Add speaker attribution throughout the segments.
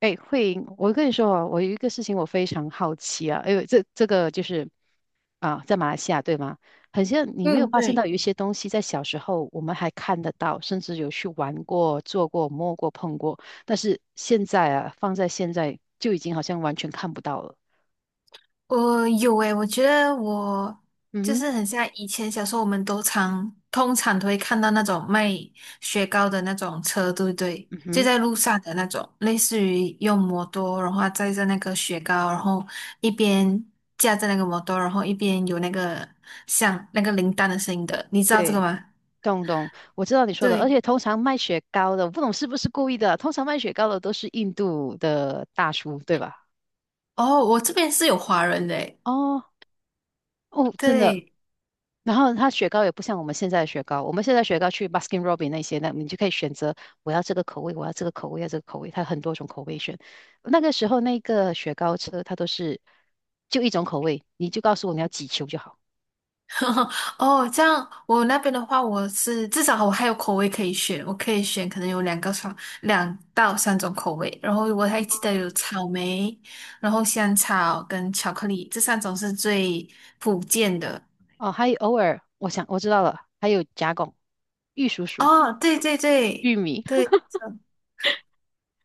Speaker 1: 哎，慧莹，我跟你说哦，我有一个事情我非常好奇啊，这个就是啊，在马来西亚对吗？很像你没有
Speaker 2: 嗯，
Speaker 1: 发现到
Speaker 2: 对，
Speaker 1: 有一些东西在小时候我们还看得到，甚至有去玩过、做过、摸过、碰过，但是现在啊，放在现在就已经好像完全看不到了。
Speaker 2: 我有诶，我觉得我
Speaker 1: 嗯
Speaker 2: 就
Speaker 1: 哼，
Speaker 2: 是很像以前小时候，我们都通常都会看到那种卖雪糕的那种车，对不对？
Speaker 1: 嗯
Speaker 2: 就
Speaker 1: 哼，
Speaker 2: 在路上的那种，类似于用摩托，然后载着那个雪糕，然后一边架着那个摩托，然后一边有那个像那个铃铛的声音的，你知道这个
Speaker 1: 对，
Speaker 2: 吗？
Speaker 1: 懂懂，我知道你说的，而
Speaker 2: 对，
Speaker 1: 且通常卖雪糕的，我不懂是不是故意的，通常卖雪糕的都是印度的大叔，对吧？
Speaker 2: 哦，我这边是有华人的诶，
Speaker 1: 哦哦，真的。
Speaker 2: 对。
Speaker 1: 然后它雪糕也不像我们现在的雪糕，我们现在雪糕去 Baskin Robbins 那些，那你就可以选择我要这个口味，我要这个口味，要这个口味，它很多种口味选。那个时候那个雪糕车它都是就一种口味，你就告诉我你要几球就好。
Speaker 2: 哦，这样我那边的话，我是至少我还有口味可以选，我可以选可能有两个双2到3种口味，然后我还记得有草莓，然后香草跟巧克力这三种是最普遍的。
Speaker 1: 哦，还有偶尔我想我知道了，还有夹拱、玉蜀黍、
Speaker 2: 哦，对对
Speaker 1: 玉
Speaker 2: 对
Speaker 1: 米。
Speaker 2: 对，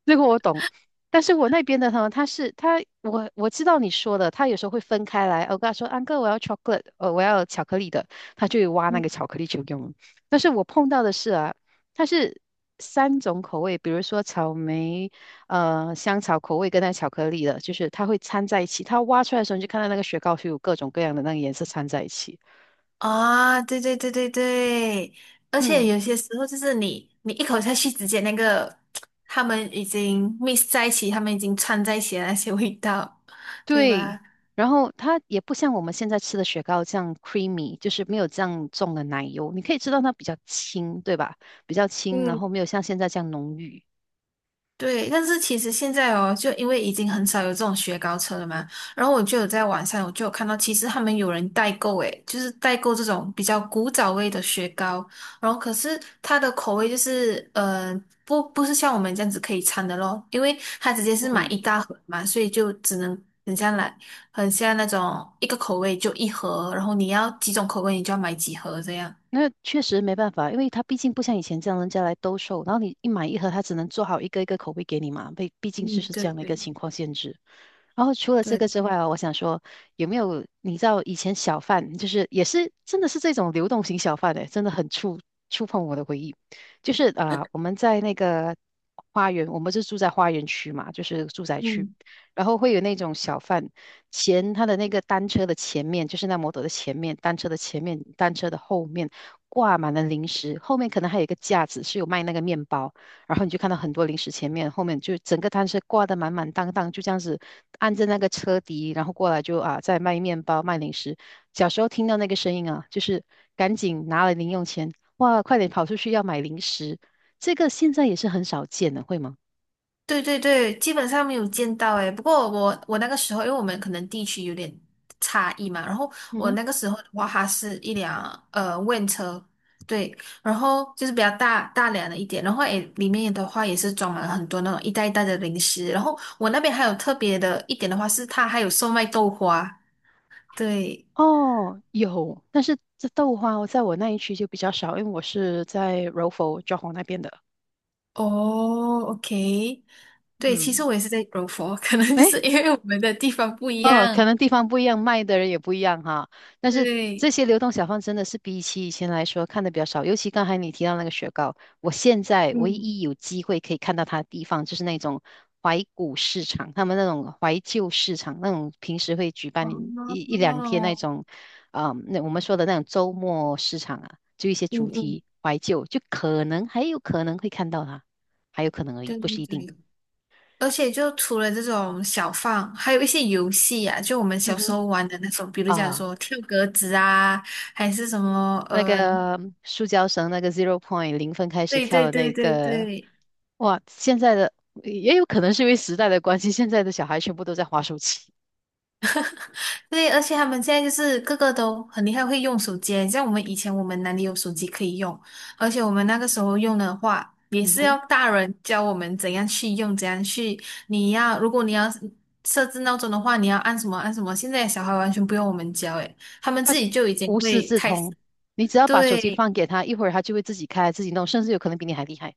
Speaker 1: 这个我懂，但是我那边的呢，他是他，我知道你说的，他有时候会分开来。我跟他说，安哥，我要 chocolate，我要巧克力的，他就会挖那
Speaker 2: 嗯
Speaker 1: 个巧克力球给我们。但是我碰到的是啊，它是三种口味，比如说草莓、香草口味跟那巧克力的，就是它会掺在一起。它挖出来的时候，你就看到那个雪糕是有各种各样的那个颜色掺在一起。
Speaker 2: 啊，对对对对对，而且
Speaker 1: 嗯，
Speaker 2: 有些时候就是你一口下去，直接那个他们已经 mix 在一起，他们已经串在一起的那些味道，对
Speaker 1: 对，
Speaker 2: 吧？
Speaker 1: 然后它也不像我们现在吃的雪糕这样 creamy，就是没有这样重的奶油，你可以知道它比较轻，对吧？比较轻，然
Speaker 2: 嗯。
Speaker 1: 后没有像现在这样浓郁。
Speaker 2: 对，但是其实现在哦，就因为已经很少有这种雪糕车了嘛，然后我就有在网上，我就有看到，其实他们有人代购，诶，就是代购这种比较古早味的雪糕，然后可是它的口味就是，不是像我们这样子可以掺的咯，因为它直接是买
Speaker 1: 嗯。
Speaker 2: 一大盒嘛，所以就只能很像来，很像那种一个口味就一盒，然后你要几种口味，你就要买几盒这样。
Speaker 1: 那确实没办法，因为他毕竟不像以前这样人家来兜售，然后你一买一盒，他只能做好一个一个口味给你嘛，毕竟就
Speaker 2: 嗯，
Speaker 1: 是
Speaker 2: 对
Speaker 1: 这样的一个
Speaker 2: 对
Speaker 1: 情况限制。然后除了这
Speaker 2: 对，
Speaker 1: 个之外啊，我想说有没有你知道以前小贩就是也是真的是这种流动型小贩哎、真的很触碰我的回忆。就是啊、我们在那个花园，我们是住在花园区嘛，就是住宅区，
Speaker 2: 嗯。
Speaker 1: 然后会有那种小贩。他的那个单车的前面，就是那摩托的前面，单车的前面，单车的后面挂满了零食，后面可能还有一个架子是有卖那个面包，然后你就看到很多零食，前面后面就整个单车挂得满满当当，就这样子按着那个车底，然后过来就在卖面包卖零食。小时候听到那个声音啊，就是赶紧拿了零用钱，哇，快点跑出去要买零食，这个现在也是很少见的，会吗？
Speaker 2: 对对对，基本上没有见到诶。不过我那个时候，因为我们可能地区有点差异嘛，然后
Speaker 1: 嗯
Speaker 2: 我
Speaker 1: 哼。
Speaker 2: 那个时候的话，它是一辆van 车，对，然后就是比较大大辆的一点，然后诶里面的话也是装满了很多那种一袋一袋的零食，然后我那边还有特别的一点的话是它还有售卖豆花，对，
Speaker 1: 哦，有，但是这豆花在我那一区就比较少，因为我是在柔佛、johor 那边的。
Speaker 2: 哦，OK，对，其实
Speaker 1: 嗯，
Speaker 2: 我也是在柔佛，可能就
Speaker 1: 哎，
Speaker 2: 是因为我们的地方不一
Speaker 1: 哦，可
Speaker 2: 样，
Speaker 1: 能地方不一样，卖的人也不一样哈。但是
Speaker 2: 对。
Speaker 1: 这些流动小贩真的是比起以前来说看的比较少，尤其刚才你提到那个雪糕，我现在唯
Speaker 2: 嗯。
Speaker 1: 一有机会可以看到它的地方就是那种怀古市场，他们那种怀旧市场，那种平时会举办一两天那
Speaker 2: 哦，
Speaker 1: 种，嗯，那我们说的那种周末市场啊，就一些
Speaker 2: 嗯
Speaker 1: 主
Speaker 2: 嗯，
Speaker 1: 题怀旧，就可能还有可能会看到它，还有可能而已，
Speaker 2: 对
Speaker 1: 不
Speaker 2: 对
Speaker 1: 是一定。
Speaker 2: 对，而且就除了这种小放，还有一些游戏啊，就我们
Speaker 1: 嗯
Speaker 2: 小时
Speaker 1: 哼。
Speaker 2: 候玩的那种，比如讲
Speaker 1: 啊。
Speaker 2: 说跳格子啊，还是什么，
Speaker 1: 那
Speaker 2: 嗯、
Speaker 1: 个塑胶绳那个 zero point 零分开始
Speaker 2: 对
Speaker 1: 跳
Speaker 2: 对
Speaker 1: 的
Speaker 2: 对
Speaker 1: 那
Speaker 2: 对
Speaker 1: 个，
Speaker 2: 对，
Speaker 1: 哇，现在的也有可能是因为时代的关系，现在的小孩全部都在滑手机，
Speaker 2: 对，而且他们现在就是个个都很厉害，会用手机。像我们以前，我们哪里有手机可以用？而且我们那个时候用的话，也
Speaker 1: 嗯
Speaker 2: 是
Speaker 1: 哼，
Speaker 2: 要大人教我们怎样去用，怎样去。你要，如果你要设置闹钟的话，你要按什么按什么。现在小孩完全不用我们教，诶，他们
Speaker 1: 他
Speaker 2: 自己就已经
Speaker 1: 无师
Speaker 2: 会
Speaker 1: 自
Speaker 2: 开始。
Speaker 1: 通。你只要把手机
Speaker 2: 对，
Speaker 1: 放给他，一会儿他就会自己开自己弄，甚至有可能比你还厉害。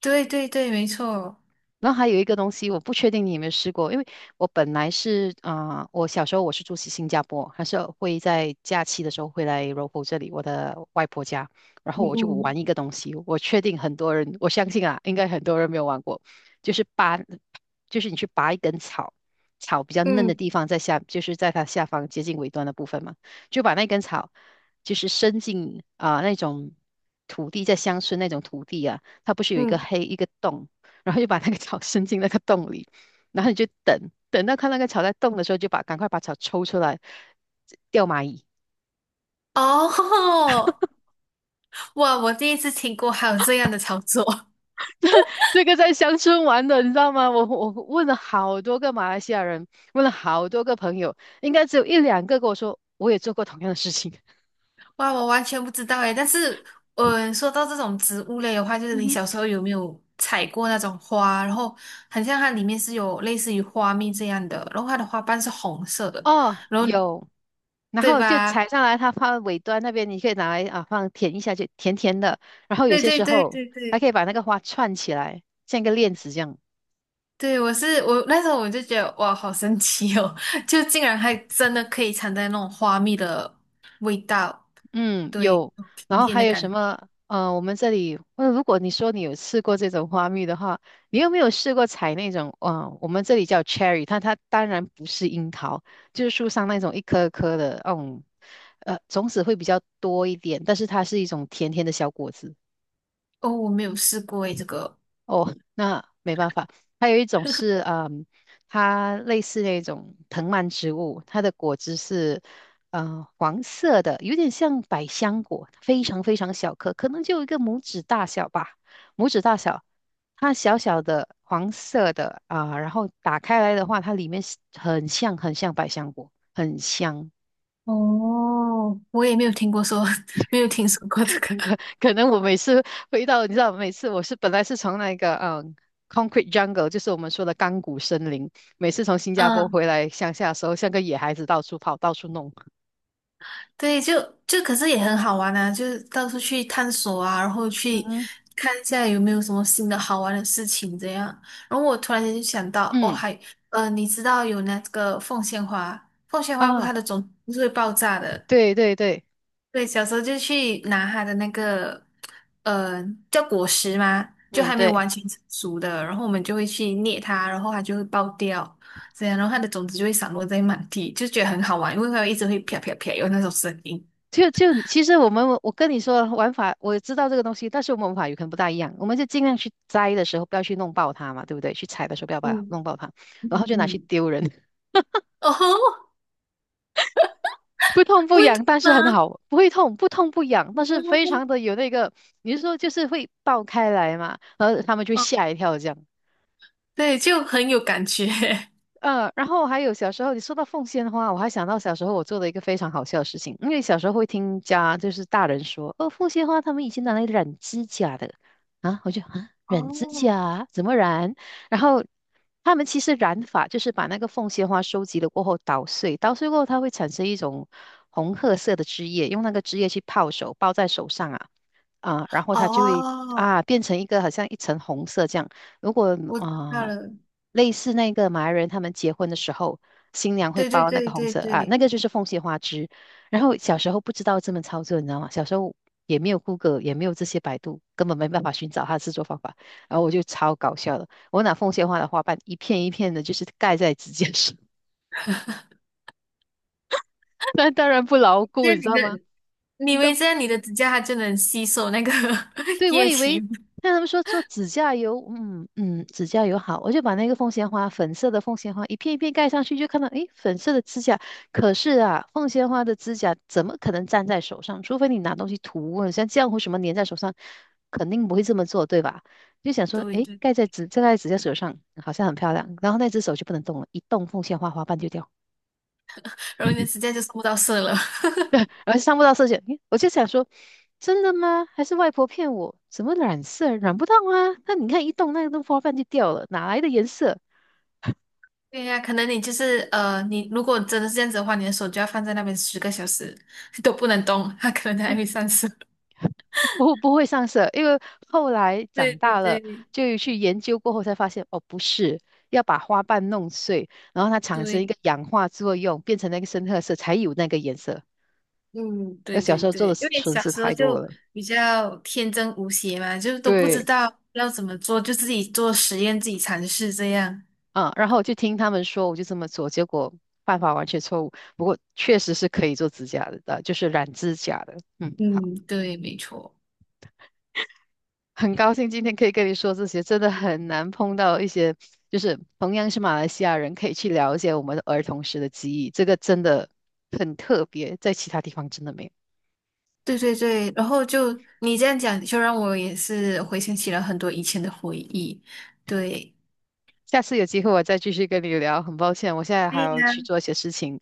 Speaker 2: 对，对，对，没错。
Speaker 1: 然后还有一个东西，我不确定你有没有试过，因为我本来是啊、我小时候我是住新加坡，还是会在假期的时候会来这里，我的外婆家，然后
Speaker 2: 嗯
Speaker 1: 我就玩
Speaker 2: 嗯
Speaker 1: 一个东西，我确定很多人，我相信啊，应该很多人没有玩过，就是拔，就是你去拔一根草，草比较嫩的
Speaker 2: 嗯
Speaker 1: 地方在下，就是在它下方接近尾端的部分嘛，就把那根草就是伸进那种土地，在乡村那种土地啊，它不是有一个
Speaker 2: 嗯。
Speaker 1: 黑一个洞。然后就把那个草伸进那个洞里，然后你就等，等到看那个草在动的时候，赶快把草抽出来，钓蚂蚁。
Speaker 2: 哦，哇！我第一次听过还有这样的操作。
Speaker 1: 这个在乡村玩的，你知道吗？我问了好多个马来西亚人，问了好多个朋友，应该只有一两个跟我说我也做过同样的事情。
Speaker 2: 哇，我完全不知道诶，但是，嗯，说到这种植物类的话，就是
Speaker 1: 嗯
Speaker 2: 你
Speaker 1: 哼，
Speaker 2: 小时候有没有采过那种花？然后，很像它里面是有类似于花蜜这样的，然后它的花瓣是红色的，
Speaker 1: 哦，
Speaker 2: 然后
Speaker 1: 有，然
Speaker 2: 对
Speaker 1: 后就
Speaker 2: 吧？
Speaker 1: 采上来，它放尾端那边，你可以拿来啊放舔一下，就甜甜的。然后有
Speaker 2: 对
Speaker 1: 些
Speaker 2: 对
Speaker 1: 时
Speaker 2: 对
Speaker 1: 候
Speaker 2: 对
Speaker 1: 还可
Speaker 2: 对。
Speaker 1: 以把那个花串起来，像一个链子这样。
Speaker 2: 对，我那时候我就觉得哇，好神奇哦，就竟然还真的可以尝在那种花蜜的味道，
Speaker 1: 嗯，
Speaker 2: 对，
Speaker 1: 有，然
Speaker 2: 新
Speaker 1: 后
Speaker 2: 鲜
Speaker 1: 还
Speaker 2: 的
Speaker 1: 有
Speaker 2: 感
Speaker 1: 什
Speaker 2: 觉。
Speaker 1: 么？我们这里，那如果你说你有吃过这种花蜜的话，你有没有试过采那种？嗯，我们这里叫 cherry，它当然不是樱桃，就是树上那种一颗颗的，种子会比较多一点，但是它是一种甜甜的小果子。
Speaker 2: 哦，我没有试过诶，这个
Speaker 1: 哦，那没办法。还有一种是，它类似那种藤蔓植物，它的果汁是，黄色的，有点像百香果，非常非常小颗，可能就有一个拇指大小吧，拇指大小。它小小的黄色的啊，然后打开来的话，它里面是很像很像百香果，很香。
Speaker 2: 哦，我也没有听过说，没有听说过这个。
Speaker 1: 可能我每次回到，你知道，每次本来是从那个concrete jungle，就是我们说的钢骨森林，每次从新加坡
Speaker 2: 嗯，
Speaker 1: 回来乡下的时候，像个野孩子到处跑，到处弄。
Speaker 2: 对，就可是也很好玩啊，就是到处去探索啊，然后去
Speaker 1: 嗯，
Speaker 2: 看一下有没有什么新的好玩的事情这样。然后我突然间就想到，哦，
Speaker 1: 嗯
Speaker 2: 还你知道有那个凤仙花，凤仙花不
Speaker 1: 啊，
Speaker 2: 它的种子不是会爆炸的？
Speaker 1: 对对对，
Speaker 2: 对，小时候就去拿它的那个呃叫果实嘛，就
Speaker 1: 嗯
Speaker 2: 还没有
Speaker 1: 对，
Speaker 2: 完全成熟的，然后我们就会去捏它，然后它就会爆掉。这样，然后它的种子就会散落在满地，就觉得很好玩，因为它一直会啪啪啪有那种声音。
Speaker 1: 就其实我跟你说玩法，我知道这个东西，但是我们玩法有可能不大一样，我们就尽量去摘的时候不要去弄爆它嘛，对不对？去采的时候不要把它
Speaker 2: 嗯
Speaker 1: 弄爆它，然
Speaker 2: 嗯
Speaker 1: 后就拿去
Speaker 2: 嗯，
Speaker 1: 丢人。
Speaker 2: 哦吼，
Speaker 1: 不痛不
Speaker 2: 不会痛
Speaker 1: 痒，但
Speaker 2: 吗？
Speaker 1: 是很好，不会痛，不痛不痒，但是非常的有那个，你是说就是会爆开来嘛？然后他们就
Speaker 2: 嗯，
Speaker 1: 吓一跳这样。
Speaker 2: 对，就很有感觉。
Speaker 1: 嗯，然后还有小时候，你说到奉仙花，我还想到小时候我做的一个非常好笑的事情，因为小时候会听家就是大人说，哦，奉仙花他们以前拿来染指甲的啊，我就染指
Speaker 2: 哦
Speaker 1: 甲怎么染？然后他们其实染法就是把那个凤仙花收集了过后捣碎，捣碎过后它会产生一种红褐色的汁液，用那个汁液去泡手，包在手上啊，然后它就会
Speaker 2: 哦，
Speaker 1: 变成一个好像一层红色这样。如果
Speaker 2: 我
Speaker 1: 啊、
Speaker 2: 知道
Speaker 1: 呃
Speaker 2: 了，
Speaker 1: 类似那个马来人他们结婚的时候，新娘会
Speaker 2: 对对
Speaker 1: 包那个
Speaker 2: 对
Speaker 1: 红
Speaker 2: 对
Speaker 1: 色啊，那
Speaker 2: 对，
Speaker 1: 个就是凤仙花枝。然后小时候不知道这么操作，你知道吗？小时候也没有 Google，也没有这些百度，根本没办法寻找它的制作方法。然后我就超搞笑的，我拿凤仙花的花瓣一片一片的，就是盖在指甲上，那当然不牢
Speaker 2: 这
Speaker 1: 固，你
Speaker 2: 样
Speaker 1: 知
Speaker 2: 你
Speaker 1: 道吗？
Speaker 2: 的，你以为这样你的指甲它就能吸收那个
Speaker 1: 对，我
Speaker 2: 液
Speaker 1: 以
Speaker 2: 体
Speaker 1: 为
Speaker 2: 吗，
Speaker 1: 那他们说做指甲油，嗯嗯，指甲油好，我就把那个凤仙花粉色的凤仙花一片一片盖上去，就看到诶，粉色的指甲。可是啊，凤仙花的指甲怎么可能粘在手上？除非你拿东西涂，像浆糊什么粘在手上，肯定不会这么做，对吧？就想说，
Speaker 2: 对
Speaker 1: 诶，
Speaker 2: 对，
Speaker 1: 盖在指甲手上，好像很漂亮。然后那只手就不能动了，一动凤仙花花瓣就掉。
Speaker 2: 然后你的指甲就收不到色了。
Speaker 1: 而上不到色线，诶我就想说，真的吗？还是外婆骗我？怎么染色染不到啊？那你看一动，那个花瓣就掉了，哪来的颜色？
Speaker 2: 对呀、可能你就是你如果真的是这样子的话，你的手就要放在那边10个小时都不能动，它可能还
Speaker 1: 啊
Speaker 2: 会上色。
Speaker 1: 不会上色，因为后来
Speaker 2: 对
Speaker 1: 长
Speaker 2: 对
Speaker 1: 大了
Speaker 2: 对
Speaker 1: 就去研究过后才发现，哦，不是，要把花瓣弄碎，然后它产生一
Speaker 2: 对，
Speaker 1: 个氧化作用，变成那个深褐色，才有那个颜色。
Speaker 2: 嗯，
Speaker 1: 而
Speaker 2: 对
Speaker 1: 小
Speaker 2: 对
Speaker 1: 时候做
Speaker 2: 对，
Speaker 1: 的
Speaker 2: 因为
Speaker 1: 蠢
Speaker 2: 小
Speaker 1: 事
Speaker 2: 时候
Speaker 1: 太多
Speaker 2: 就
Speaker 1: 了。
Speaker 2: 比较天真无邪嘛，就都不知
Speaker 1: 对。
Speaker 2: 道要怎么做，就自己做实验，自己尝试这样。
Speaker 1: 嗯，然后我就听他们说，我就这么做，结果办法完全错误。不过确实是可以做指甲的，就是染指甲的。嗯，好，
Speaker 2: 嗯，对，没错，
Speaker 1: 很高兴今天可以跟你说这些，真的很难碰到一些就是同样是马来西亚人，可以去了解我们的儿童时的记忆，这个真的很特别，在其他地方真的没有。
Speaker 2: 对对对。然后就你这样讲，就让我也是回想起了很多以前的回忆。对，
Speaker 1: 下次有机会我再继续跟你聊，很抱歉，我现在还
Speaker 2: 对
Speaker 1: 要
Speaker 2: 呀，
Speaker 1: 去做一些事情，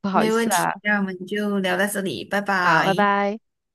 Speaker 1: 不好意
Speaker 2: 没问
Speaker 1: 思
Speaker 2: 题。
Speaker 1: 啊。
Speaker 2: 那我们就聊到这里，拜
Speaker 1: 好，拜
Speaker 2: 拜。
Speaker 1: 拜。